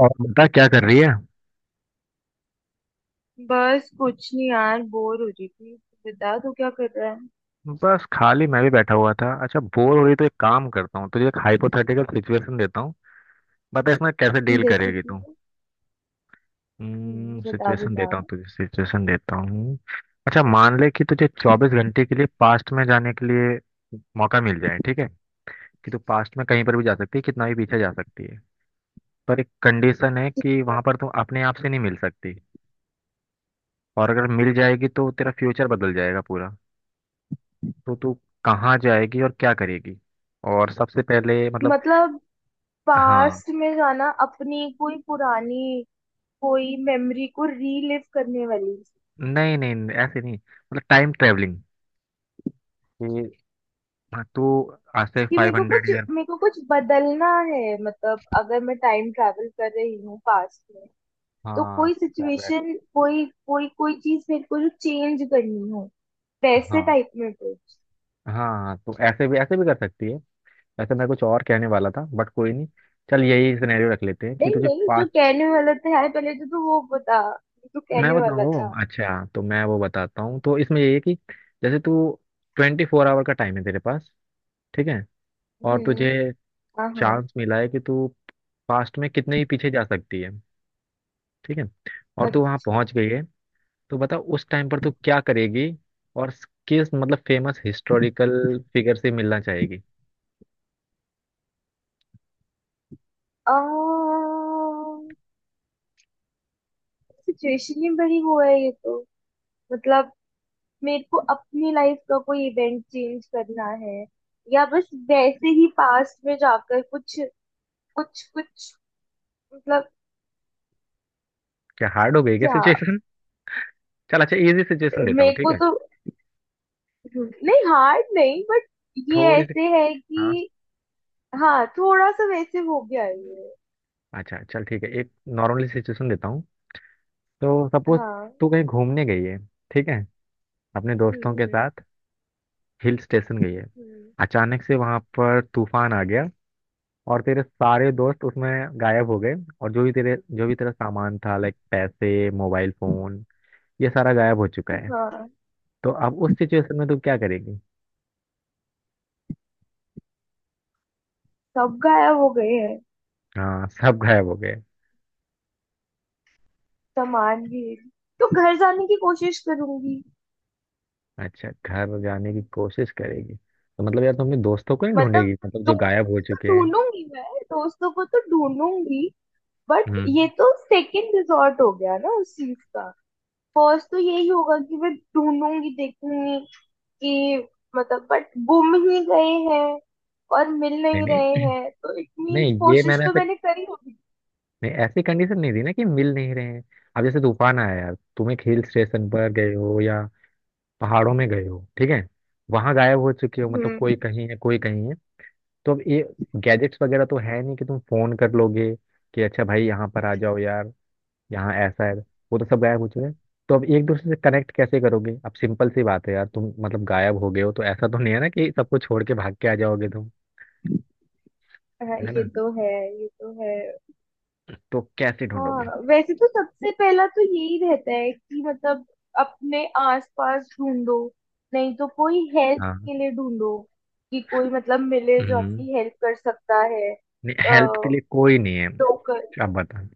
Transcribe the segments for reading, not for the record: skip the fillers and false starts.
और बता क्या कर रही है। बस कुछ नहीं यार, बोर हो रही थी। बता तू क्या कर रहा है। बस खाली मैं भी बैठा हुआ था। अच्छा बोर हो रही तो एक काम करता हूँ, तुझे एक हाइपोथेटिकल सिचुएशन देता हूँ। बता इसमें कैसे डील जैसे करेगी कि तू। हम्म, बता बता। सिचुएशन देता हूँ। अच्छा मान ले कि तुझे चौबीस घंटे के लिए पास्ट में जाने के लिए मौका मिल जाए, ठीक है। कि तू पास्ट में कहीं पर भी जा सकती है, कितना भी पीछे जा सकती है। पर एक कंडीशन है ठीक कि है। वहां पर तुम अपने आप से नहीं मिल सकती। और अगर मिल जाएगी तो तेरा फ्यूचर बदल जाएगा पूरा। तो तू कहाँ जाएगी और क्या करेगी। और सबसे पहले मतलब। मतलब हाँ। पास्ट में जाना, अपनी कोई पुरानी कोई मेमोरी को रीलिव करने वाली। नहीं नहीं नहीं, ऐसे नहीं, मतलब टाइम ट्रेवलिंग। कि हाँ, तू आज से कि मेरे फाइव को कुछ, हंड्रेड ईयर। मेरे को कुछ बदलना है। मतलब अगर मैं टाइम ट्रैवल कर रही हूँ पास्ट में, तो हाँ। कोई करेक्ट। सिचुएशन, कोई कोई कोई चीज मेरे को जो चेंज करनी हो, वैसे हाँ। टाइप में कुछ। हाँ। हाँ, तो ऐसे भी कर सकती है। वैसे मैं कुछ और कहने वाला था बट कोई नहीं। चल यही सिनेरियो रख लेते हैं कि नहीं तुझे नहीं, जो पाँच। कहने वाला था यार पहले तो तू वो बता, जो तू मैं कहने वाला बताऊँ? था। अच्छा तो मैं वो बताता हूँ। तो इसमें ये है कि जैसे तू ट्वेंटी फोर आवर का टाइम है तेरे पास, ठीक है। और तुझे हम्म। हाँ हाँ। चांस मिला है कि तू पास्ट में कितने ही पीछे जा सकती है, ठीक है। और तू वहां अच्छा, पहुंच गई है। तो बता उस टाइम पर तू क्या करेगी। और किस मतलब फेमस हिस्टोरिकल फिगर से मिलना चाहेगी। सिचुएशन ही बड़ी वो है ये तो। मतलब मेरे को अपनी लाइफ का कोई इवेंट चेंज करना है, या बस वैसे ही पास्ट में जाकर कुछ कुछ कुछ। मतलब क्या हार्ड हो गई क्या क्या। सिचुएशन? चल अच्छा इजी सिचुएशन देता हूँ, मेरे ठीक को है। तो नहीं, हार्ड नहीं, बट ये थोड़ी सी। ऐसे है हाँ। कि हाँ, थोड़ा सा वैसे हो गया है ये। अच्छा चल ठीक है, एक नॉर्मली सिचुएशन देता हूँ। तो सपोज हाँ। तू कहीं घूमने गई है, ठीक है, अपने हम्म। दोस्तों के साथ। हिल स्टेशन गई है। हम्म। अचानक से वहां पर तूफान आ गया और तेरे सारे दोस्त उसमें गायब हो गए। और जो भी तेरा सामान था, लाइक पैसे, मोबाइल फोन, ये सारा गायब हो चुका है। हाँ, तो अब उस सिचुएशन में तू क्या करेगी। सब गायब हो गए हैं। हाँ सब गायब हो गए। सामान भी। तो घर जाने की कोशिश करूंगी। अच्छा घर जाने की कोशिश करेगी? तो मतलब यार तुम अपने दोस्तों को ही मतलब ढूंढेगी, मतलब जो गायब दोस्तों हो को चुके तो हैं। ढूंढूंगी मैं, दोस्तों को तो ढूंढूंगी। But hmm. ये तो सेकंड रिजॉर्ट हो गया ना उस चीज का। फर्स्ट तो यही होगा कि मैं ढूंढूंगी, देखूंगी कि मतलब, बट गुम ही गए हैं और मिल नहीं नहीं रहे नहीं हैं, तो इट मीन्स नहीं, ये कोशिश मैंने तो ऐसे मैंने करी होगी। नहीं, ऐसी कंडीशन नहीं दी ना कि मिल नहीं रहे हैं। अब जैसे तूफान आया यार, तुम एक हिल स्टेशन पर गए हो या पहाड़ों में गए हो, ठीक है। वहां गायब हो चुके हो, मतलब हम्म। कोई कहीं है कोई कहीं है। तो अब ये गैजेट्स वगैरह तो है नहीं कि तुम फोन कर लोगे कि अच्छा भाई यहाँ पर आ जाओ यार, यहाँ ऐसा है। वो तो सब गायब हो चुके हैं। तो अब एक दूसरे से कनेक्ट कैसे करोगे। अब सिंपल सी बात है यार, तुम मतलब गायब हो गए हो तो ऐसा तो नहीं है ना कि सबको छोड़ के भाग के आ जाओगे तुम, हाँ, है ये ना। तो है। ये तो है। तो कैसे ढूंढोगे। हाँ, वैसे तो सबसे पहला तो यही रहता है कि मतलब अपने आसपास ढूंढो, नहीं तो कोई हेल्प हाँ। के लिए ढूंढो, कि कोई मतलब मिले जो हम्म। आपकी हेल्प कर सकता है। नहीं, हेल्प के लिए कोई नहीं है। लोकल। आप बता।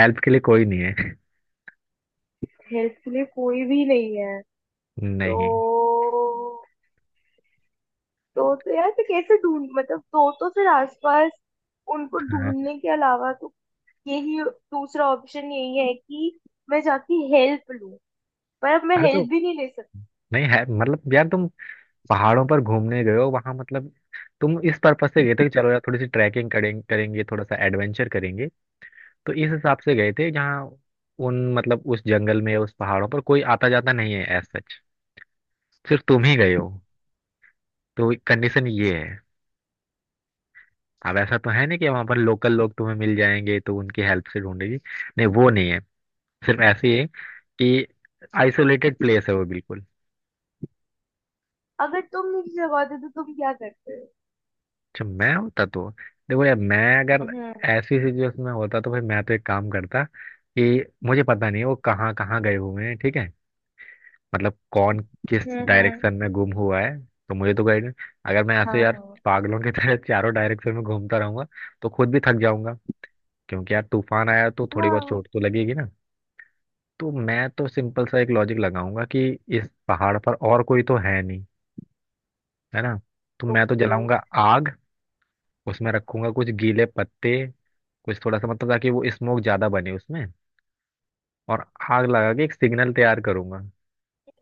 हेल्प के लिए कोई नहीं है। हेल्प के लिए कोई भी नहीं है। तो नहीं। तो यार फिर कैसे ढूंढ, मतलब तो फिर आसपास उनको हाँ। ढूंढने के अलावा तो यही दूसरा ऑप्शन यही है कि मैं जाके हेल्प लूं। पर अब मैं अरे तो हेल्प भी नहीं ले सकती। नहीं है, मतलब यार तुम पहाड़ों पर घूमने गए हो, वहां मतलब तुम इस पर्पज से गए थे कि चलो यार थोड़ी सी ट्रैकिंग करें, करेंगे थोड़ा सा एडवेंचर करेंगे। तो इस हिसाब से गए थे जहाँ उन मतलब उस जंगल में, उस पहाड़ों पर कोई आता जाता नहीं है एज सच। सिर्फ तुम ही गए हो। तो कंडीशन ये है। अब ऐसा तो है नहीं कि वहां पर लोकल लोग तुम्हें मिल जाएंगे तो उनकी हेल्प से ढूंढेगी, नहीं वो नहीं है। सिर्फ ऐसे ही है कि आइसोलेटेड प्लेस है वो बिल्कुल। अगर तुम नहीं लगाते तो तुम क्या करते हो। अच्छा मैं होता तो। देखो यार मैं अगर हम्म ऐसी सिचुएशन में होता तो भाई मैं तो एक काम करता कि मुझे पता नहीं है वो कहाँ कहाँ गए हुए हैं, ठीक है। मतलब कौन किस हम्म। डायरेक्शन हम्म। में गुम हुआ है, तो मुझे तो गाइड। अगर मैं ऐसे हाँ यार हाँ। पागलों की तरह चारों डायरेक्शन में घूमता रहूंगा तो खुद भी थक जाऊंगा, क्योंकि यार तूफान आया तो थोड़ी बहुत हाँ। चोट तो लगेगी ना। तो मैं तो सिंपल सा एक लॉजिक लगाऊंगा कि इस पहाड़ पर और कोई तो है नहीं, है ना। तो मैं तो ओके। जलाऊंगा आग, उसमें रखूंगा कुछ गीले पत्ते, कुछ थोड़ा सा मतलब ताकि वो स्मोक ज्यादा बने उसमें। और आग लगा के एक सिग्नल तैयार करूंगा,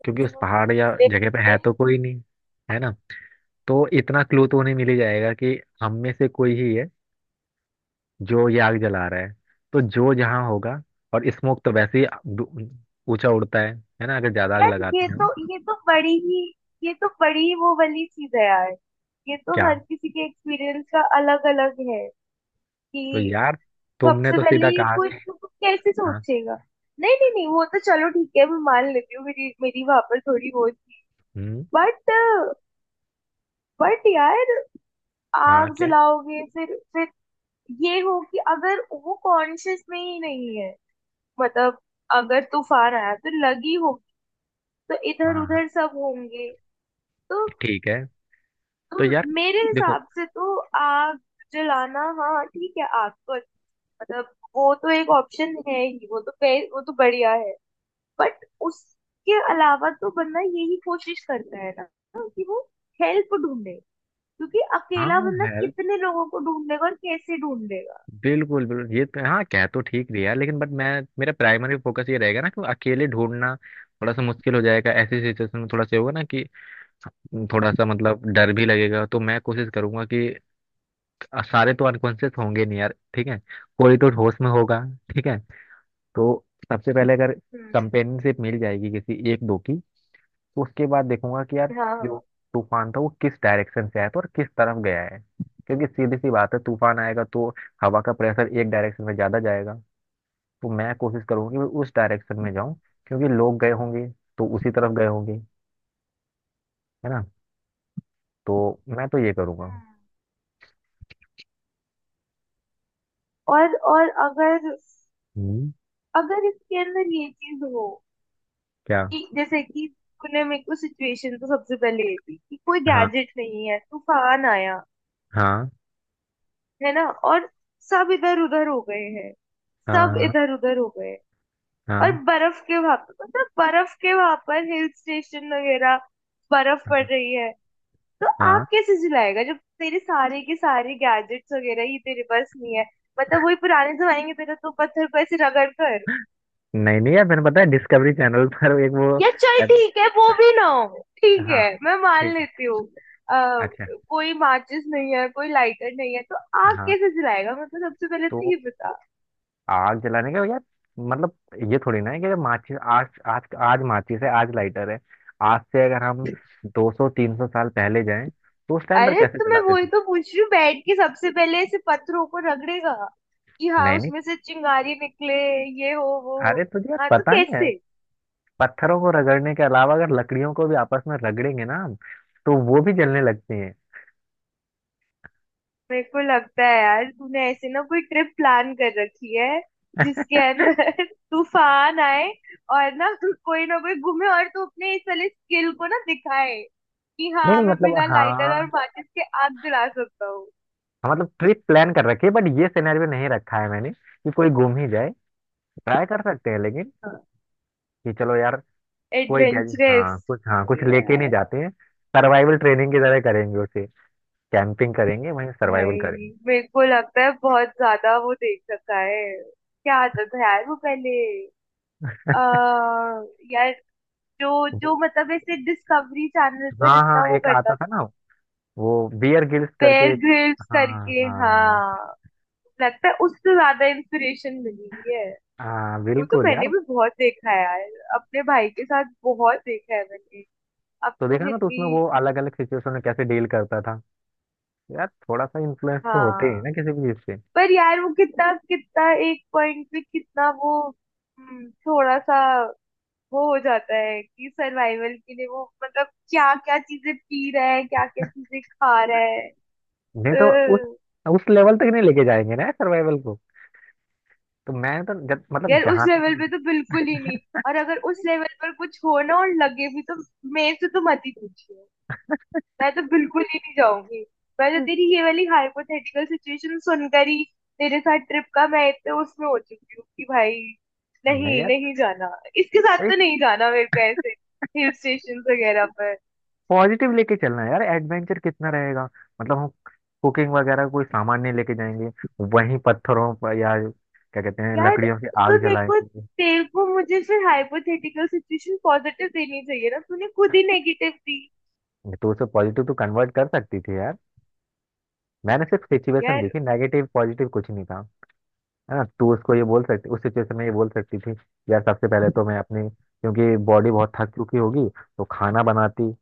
क्योंकि उस पहाड़ या ले- जगह पे है ले- तो कोई नहीं, है ना। तो इतना क्लू तो उन्हें मिल ही जाएगा कि हम में से कोई ही है जो ये आग जला रहा है। तो जो जहाँ होगा। और स्मोक तो वैसे ही दू- ऊंचा उड़ता है ना, अगर ज्यादा आग यार, लगाते हैं हम। ये तो बड़ी ही, ये तो बड़ी ही वो वाली चीज है यार। ये तो क्या? हर किसी के एक्सपीरियंस का अलग अलग है। तो कि यार तुमने सबसे तो पहले सीधा ये कहा कोई कि तो कैसे हाँ। सोचेगा। नहीं नहीं नहीं, वो तो चलो ठीक है, मैं मान लेती हूँ, मेरी मेरी वहां पर थोड़ी वो थी। हम्म। बट बट यार, हाँ आग क्या। जलाओगे फिर ये हो कि अगर वो कॉन्शियस में ही नहीं है। मतलब अगर तूफान आया तो लगी होगी, तो इधर हाँ हाँ उधर सब होंगे। तो ठीक है। तो यार तुम मेरे देखो। हिसाब से तो आग जलाना, हाँ ठीक है, आग तो मतलब वो तो एक ऑप्शन है ही, वो तो वो तो बढ़िया है। बट उसके अलावा तो बंदा यही कोशिश करता है ना, कि वो हेल्प ढूंढे। क्योंकि अकेला हाँ बंदा कितने लोगों को ढूंढेगा और कैसे ढूंढेगा। बिल्कुल बिल्कुल, ये तो हाँ कह तो ठीक रही है लेकिन बट मैं, मेरा प्राइमरी फोकस ये रहेगा ना कि अकेले ढूंढना थोड़ा सा मुश्किल हो जाएगा ऐसी सिचुएशन में, थोड़ा सा ये होगा ना कि थोड़ा सा मतलब डर भी लगेगा। तो मैं कोशिश करूंगा कि सारे तो अनकॉन्शियस होंगे नहीं यार, ठीक है, कोई तो होश में होगा, ठीक है। तो सबसे पहले अगर हम्म। कंपेनियनशिप मिल जाएगी किसी एक दो की, तो उसके बाद देखूंगा कि यार जो हाँ तूफान था वो किस डायरेक्शन से आया था और किस तरफ गया है। क्योंकि सीधी सी बात है, तूफान आएगा तो हवा का प्रेशर एक डायरेक्शन में ज्यादा जाएगा। तो मैं कोशिश करूंगी कि मैं उस डायरेक्शन में जाऊं, क्योंकि लोग गए होंगे तो उसी तरफ गए होंगे, है ना। तो मैं तो ये करूंगा। हाँ। और अगर, हम्म। अगर इसके अंदर ये चीज हो, क्या? कि जैसे कि तूने मेरे को सिचुएशन तो सबसे पहले ये थी कि कोई हाँ गैजेट नहीं है, तूफान आया, हाँ। है ना। और सब इधर उधर हो गए हैं, सब हाँ इधर उधर हो गए। और हाँ। बर्फ के वहां पर, मतलब बर्फ के वहां पर हिल स्टेशन वगैरह, बर्फ पड़ हाँ। रही है। तो आग हाँ। कैसे जलाएगा जब तेरे सारे के सारे गैजेट्स वगैरह ही तेरे पास नहीं है। मतलब वही पुराने जमाने के तरह तो पत्थर को ऐसे रगड़ कर, नहीं नहीं यार, मैंने पता है डिस्कवरी चैनल पर एक वो। या चल ऐप- ठीक है, वो भी ना हो, ठीक हाँ है मैं मान ठीक है। लेती हूँ। अ, अच्छा। कोई माचिस नहीं है, कोई लाइटर नहीं है, तो आग हाँ। कैसे जलाएगा, मेरे को सबसे पहले तो तो ये बता। आग जलाने का यार, मतलब ये थोड़ी ना है कि माचिस, आज आज आज माचिस है आज लाइटर है। आज से अगर हम 200 300 साल पहले जाएं तो उस टाइम पर अरे कैसे तो मैं जलाते वही थे। तो पूछ रही हूँ, बैठ के सबसे पहले ऐसे पत्थरों को रगड़ेगा कि हाँ नहीं। उसमें से चिंगारी निकले, ये हो वो अरे हो। तुझे यार हाँ तो पता नहीं है, कैसे। पत्थरों को रगड़ने के अलावा अगर लकड़ियों को भी आपस में रगड़ेंगे ना हम, तो वो भी जलने लगती हैं। मेरे को लगता है यार तूने ऐसे ना कोई ट्रिप प्लान कर रखी है जिसके अंदर तूफान आए, और ना तू कोई ना कोई घूमे, और तू अपने इस वाले स्किल को ना दिखाए कि नहीं हाँ नहीं मैं मतलब बिना लाइटर और हाँ। माचिस के आग जला सकता हूँ। हाँ, मतलब ट्रिप प्लान कर रखी है बट ये सिनेरियो नहीं रखा है मैंने कि कोई गुम ही जाए। ट्राई कर सकते हैं लेकिन, हाँ, कि चलो यार कोई गैज एडवेंचरस। हाँ कुछ सही है लेके नहीं यार। जाते हैं। सर्वाइवल ट्रेनिंग की तरह करेंगे उसे, कैंपिंग करेंगे वहीं, सर्वाइवल भाई करेंगे। मेरे को लगता है बहुत ज्यादा वो देख रखा है। क्या आता था यार वो पहले, आ, यार, जो जो वो मतलब ऐसे डिस्कवरी चैनल पर हाँ हाँ इतना वो एक करता। आता था ना, वो बियर गिल्स बेयर करके एक। ग्रिल्स हाँ करके, हाँ। हाँ। लगता है उससे ज्यादा इंस्पिरेशन मिली हुई है। हाँ वो तो बिल्कुल मैंने यार। भी बहुत देखा है यार, अपने भाई के साथ बहुत देखा है मैंने। अब तो तो देखा ना, फिर तो भी उसमें वो अलग अलग सिचुएशन में कैसे डील करता था। यार थोड़ा सा इन्फ्लुएंस तो होते ही है हाँ। ना किसी भी चीज से। पर यार वो कितना, कितना एक पॉइंट पे कितना वो, थोड़ा सा वो हो जाता है कि सर्वाइवल के लिए वो मतलब क्या क्या चीजें पी रहा है, क्या क्या चीजें खा रहा नहीं है। तो उस लेवल तक नहीं लेके जाएंगे ना सर्वाइवल को। तो मैं तो जब मतलब यार उस जहां तक लेवल हम। पे तो बिल्कुल ही नहीं। और अगर उस लेवल पर कुछ हो ना और लगे भी, तो मेरे से तो मत ही पूछिए, मैं तो बिल्कुल ही नहीं जाऊंगी। मैं तो तेरी ये वाली हाइपोथेटिकल सिचुएशन सुनकर ही तेरे साथ ट्रिप का मैं इतने उसमें हो चुकी हूँ कि भाई नहीं नहीं, यार नहीं जाना। इसके साथ तो एक नहीं जाना मेरे को ऐसे हिल स्टेशन वगैरह पर। पॉजिटिव लेके चलना है यार, एडवेंचर कितना रहेगा, मतलब हम कुकिंग वगैरह कोई सामान नहीं लेके जाएंगे, वहीं पत्थरों पर या क्या कहते हैं यार लकड़ियों की आग तो मेरे को जलाएंगे। तेरे को मुझे फिर हाइपोथेटिकल सिचुएशन पॉजिटिव देनी चाहिए ना, तूने खुद ही नेगेटिव दी। तो उसे पॉजिटिव तो कन्वर्ट कर सकती थी यार, मैंने सिर्फ सिचुएशन दी यार थी, नेगेटिव पॉजिटिव कुछ नहीं था। हाँ तू उसको ये बोल सकती, उस सिचुएशन में ये बोल सकती थी यार, सबसे पहले तो मैं अपनी क्योंकि बॉडी बहुत थक चुकी होगी तो खाना बनाती,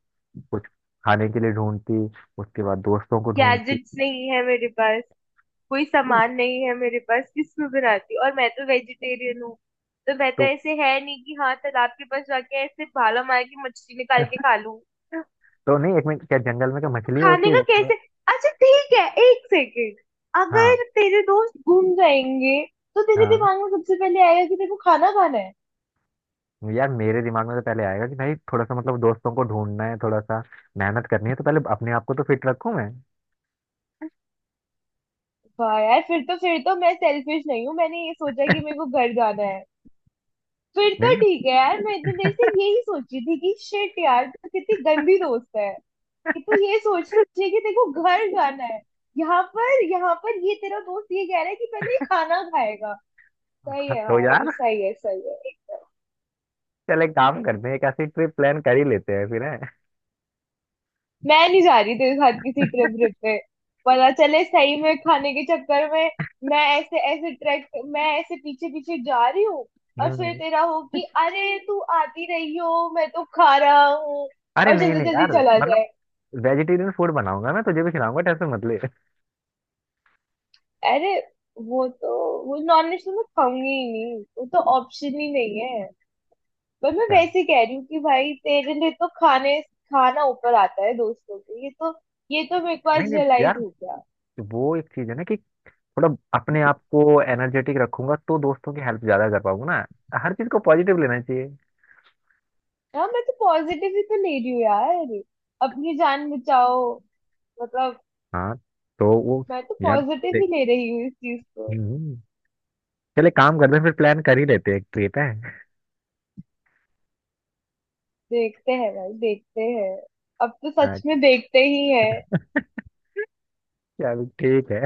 कुछ खाने के लिए ढूंढती, उसके बाद दोस्तों को ढूंढती। गैजेट्स नहीं है मेरे पास, कोई तो सामान नहीं है मेरे पास, किसमें बनाती हूँ। और मैं तो वेजिटेरियन हूँ। तो मैं तो तो ऐसे है नहीं कि हाँ तालाब के पास जाके ऐसे भाला मार के मछली निकाल के खा लूँ। तो नहीं एक मिनट, क्या जंगल में क्या तो मछली होती खाने है का जंगल में। कैसे। अच्छा ठीक है, एक सेकेंड। हाँ। अगर तेरे दोस्त घूम जाएंगे, तो तेरे हाँ, दिमाग में सबसे पहले आएगा कि तेरे को खाना खाना है। यार मेरे दिमाग में तो पहले आएगा कि भाई थोड़ा सा मतलब दोस्तों को ढूंढना है, थोड़ा सा मेहनत करनी है तो पहले अपने आप को तो फिट रखूं मैं। वाह यार, फिर तो मैं सेल्फिश नहीं हूँ, मैंने ये सोचा कि मेरे को घर जाना है। फिर नहीं तो ना। ठीक है यार, मैं इतनी देर से यही सोची थी कि शिट यार तो कितनी गंदी दोस्त है कि तू ये सोचिए कि देखो घर जाना है। यहाँ पर, यहाँ पर ये तेरा दोस्त ये कह रहा है कि पहले ये खाना खाएगा। सही हाँ, है तो भाई, यार सही है, सही है, एकदम। चल एक काम करते हैं, एक ऐसी ट्रिप प्लान कर ही लेते हैं फिर है। मैं नहीं जा रही तेरे साथ किसी ट्रिप ट्रिप पे। पता चले सही में खाने के चक्कर में मैं ऐसे ऐसे ट्रैक, मैं ऐसे पीछे पीछे जा रही हूँ, और फिर हम्म। तेरा हो कि अरे तू आती रही हो, मैं तो खा रहा हूँ, अरे और नहीं जल्दी नहीं जल्दी यार, चला मतलब जाए। वेजिटेरियन फूड बनाऊंगा, मैं तुझे भी खिलाऊंगा, टेंशन मत ले। अरे, वो तो, वो नॉन वेज तो मैं खाऊंगी ही नहीं, वो तो ऑप्शन ही नहीं है। पर मैं अच्छा। वैसे कह रही हूँ कि भाई तेरे लिए तो खाने खाना ऊपर आता है दोस्तों के, ये तो मेरे को नहीं आज नहीं रियलाइज यार हो गया। वो एक चीज है ना कि थोड़ा अपने आप को एनर्जेटिक रखूंगा तो दोस्तों की हेल्प ज्यादा कर पाऊंगा ना, हर चीज को पॉजिटिव लेना चाहिए। हाँ मैं तो पॉजिटिव ही तो ले रही हूँ यार, अपनी जान बचाओ, मतलब। हाँ। तो वो मैं तो यार पॉजिटिव ही देख। ले रही हूँ इस चीज को। हम्म, चले काम करते हैं फिर, प्लान कर ही लेते हैं एक ट्रिप है। देखते हैं भाई, देखते हैं। अब तो सच में देखते ही है। अच्छा ठीक है,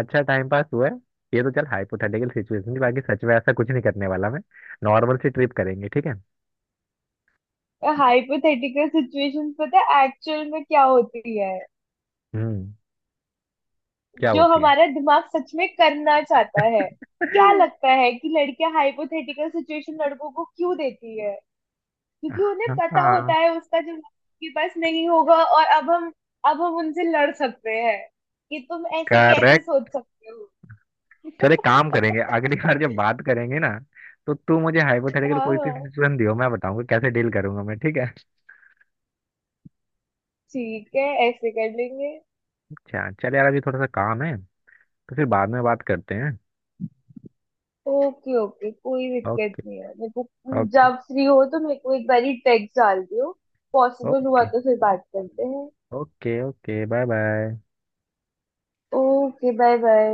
अच्छा टाइम पास हुआ है। ये तो चल हाइपोथेटिकल सिचुएशन थी, बाकी सच में ऐसा कुछ नहीं करने वाला मैं, नॉर्मल सी ट्रिप करेंगे, ठीक है। हाइपोथेटिकल सिचुएशन पता है एक्चुअल में क्या होती है। हम्म। क्या जो होती है? हमारा दिमाग सच में करना चाहता है। क्या लगता है कि लड़कियां हाइपोथेटिकल सिचुएशन लड़कों को क्यों देती है। क्योंकि उन्हें पता होता हाँ है उसका जवाब उनके पास नहीं होगा, और अब हम उनसे लड़ सकते हैं कि तुम ऐसे कैसे करेक्ट। सोच सकते हो। चल एक काम करेंगे, अगली बार जब बात करेंगे ना, तो तू मुझे हाइपोथेटिकल हाँ कोई सी हाँ। सिचुएशन दियो, मैं बताऊंगा कैसे डील करूंगा मैं, ठीक है। ठीक है। ऐसे कर लेंगे। अच्छा चल यार अभी थोड़ा सा काम है, तो फिर बाद में बात करते हैं। ओके ओके, कोई दिक्कत ओके। नहीं है मेरे को। ओके। जब फ्री हो तो मेरे को एक बारी टेक्स्ट डाल दियो, पॉसिबल हुआ ओके तो फिर बात करते हैं। Okay okay bye bye. Okay, bye bye.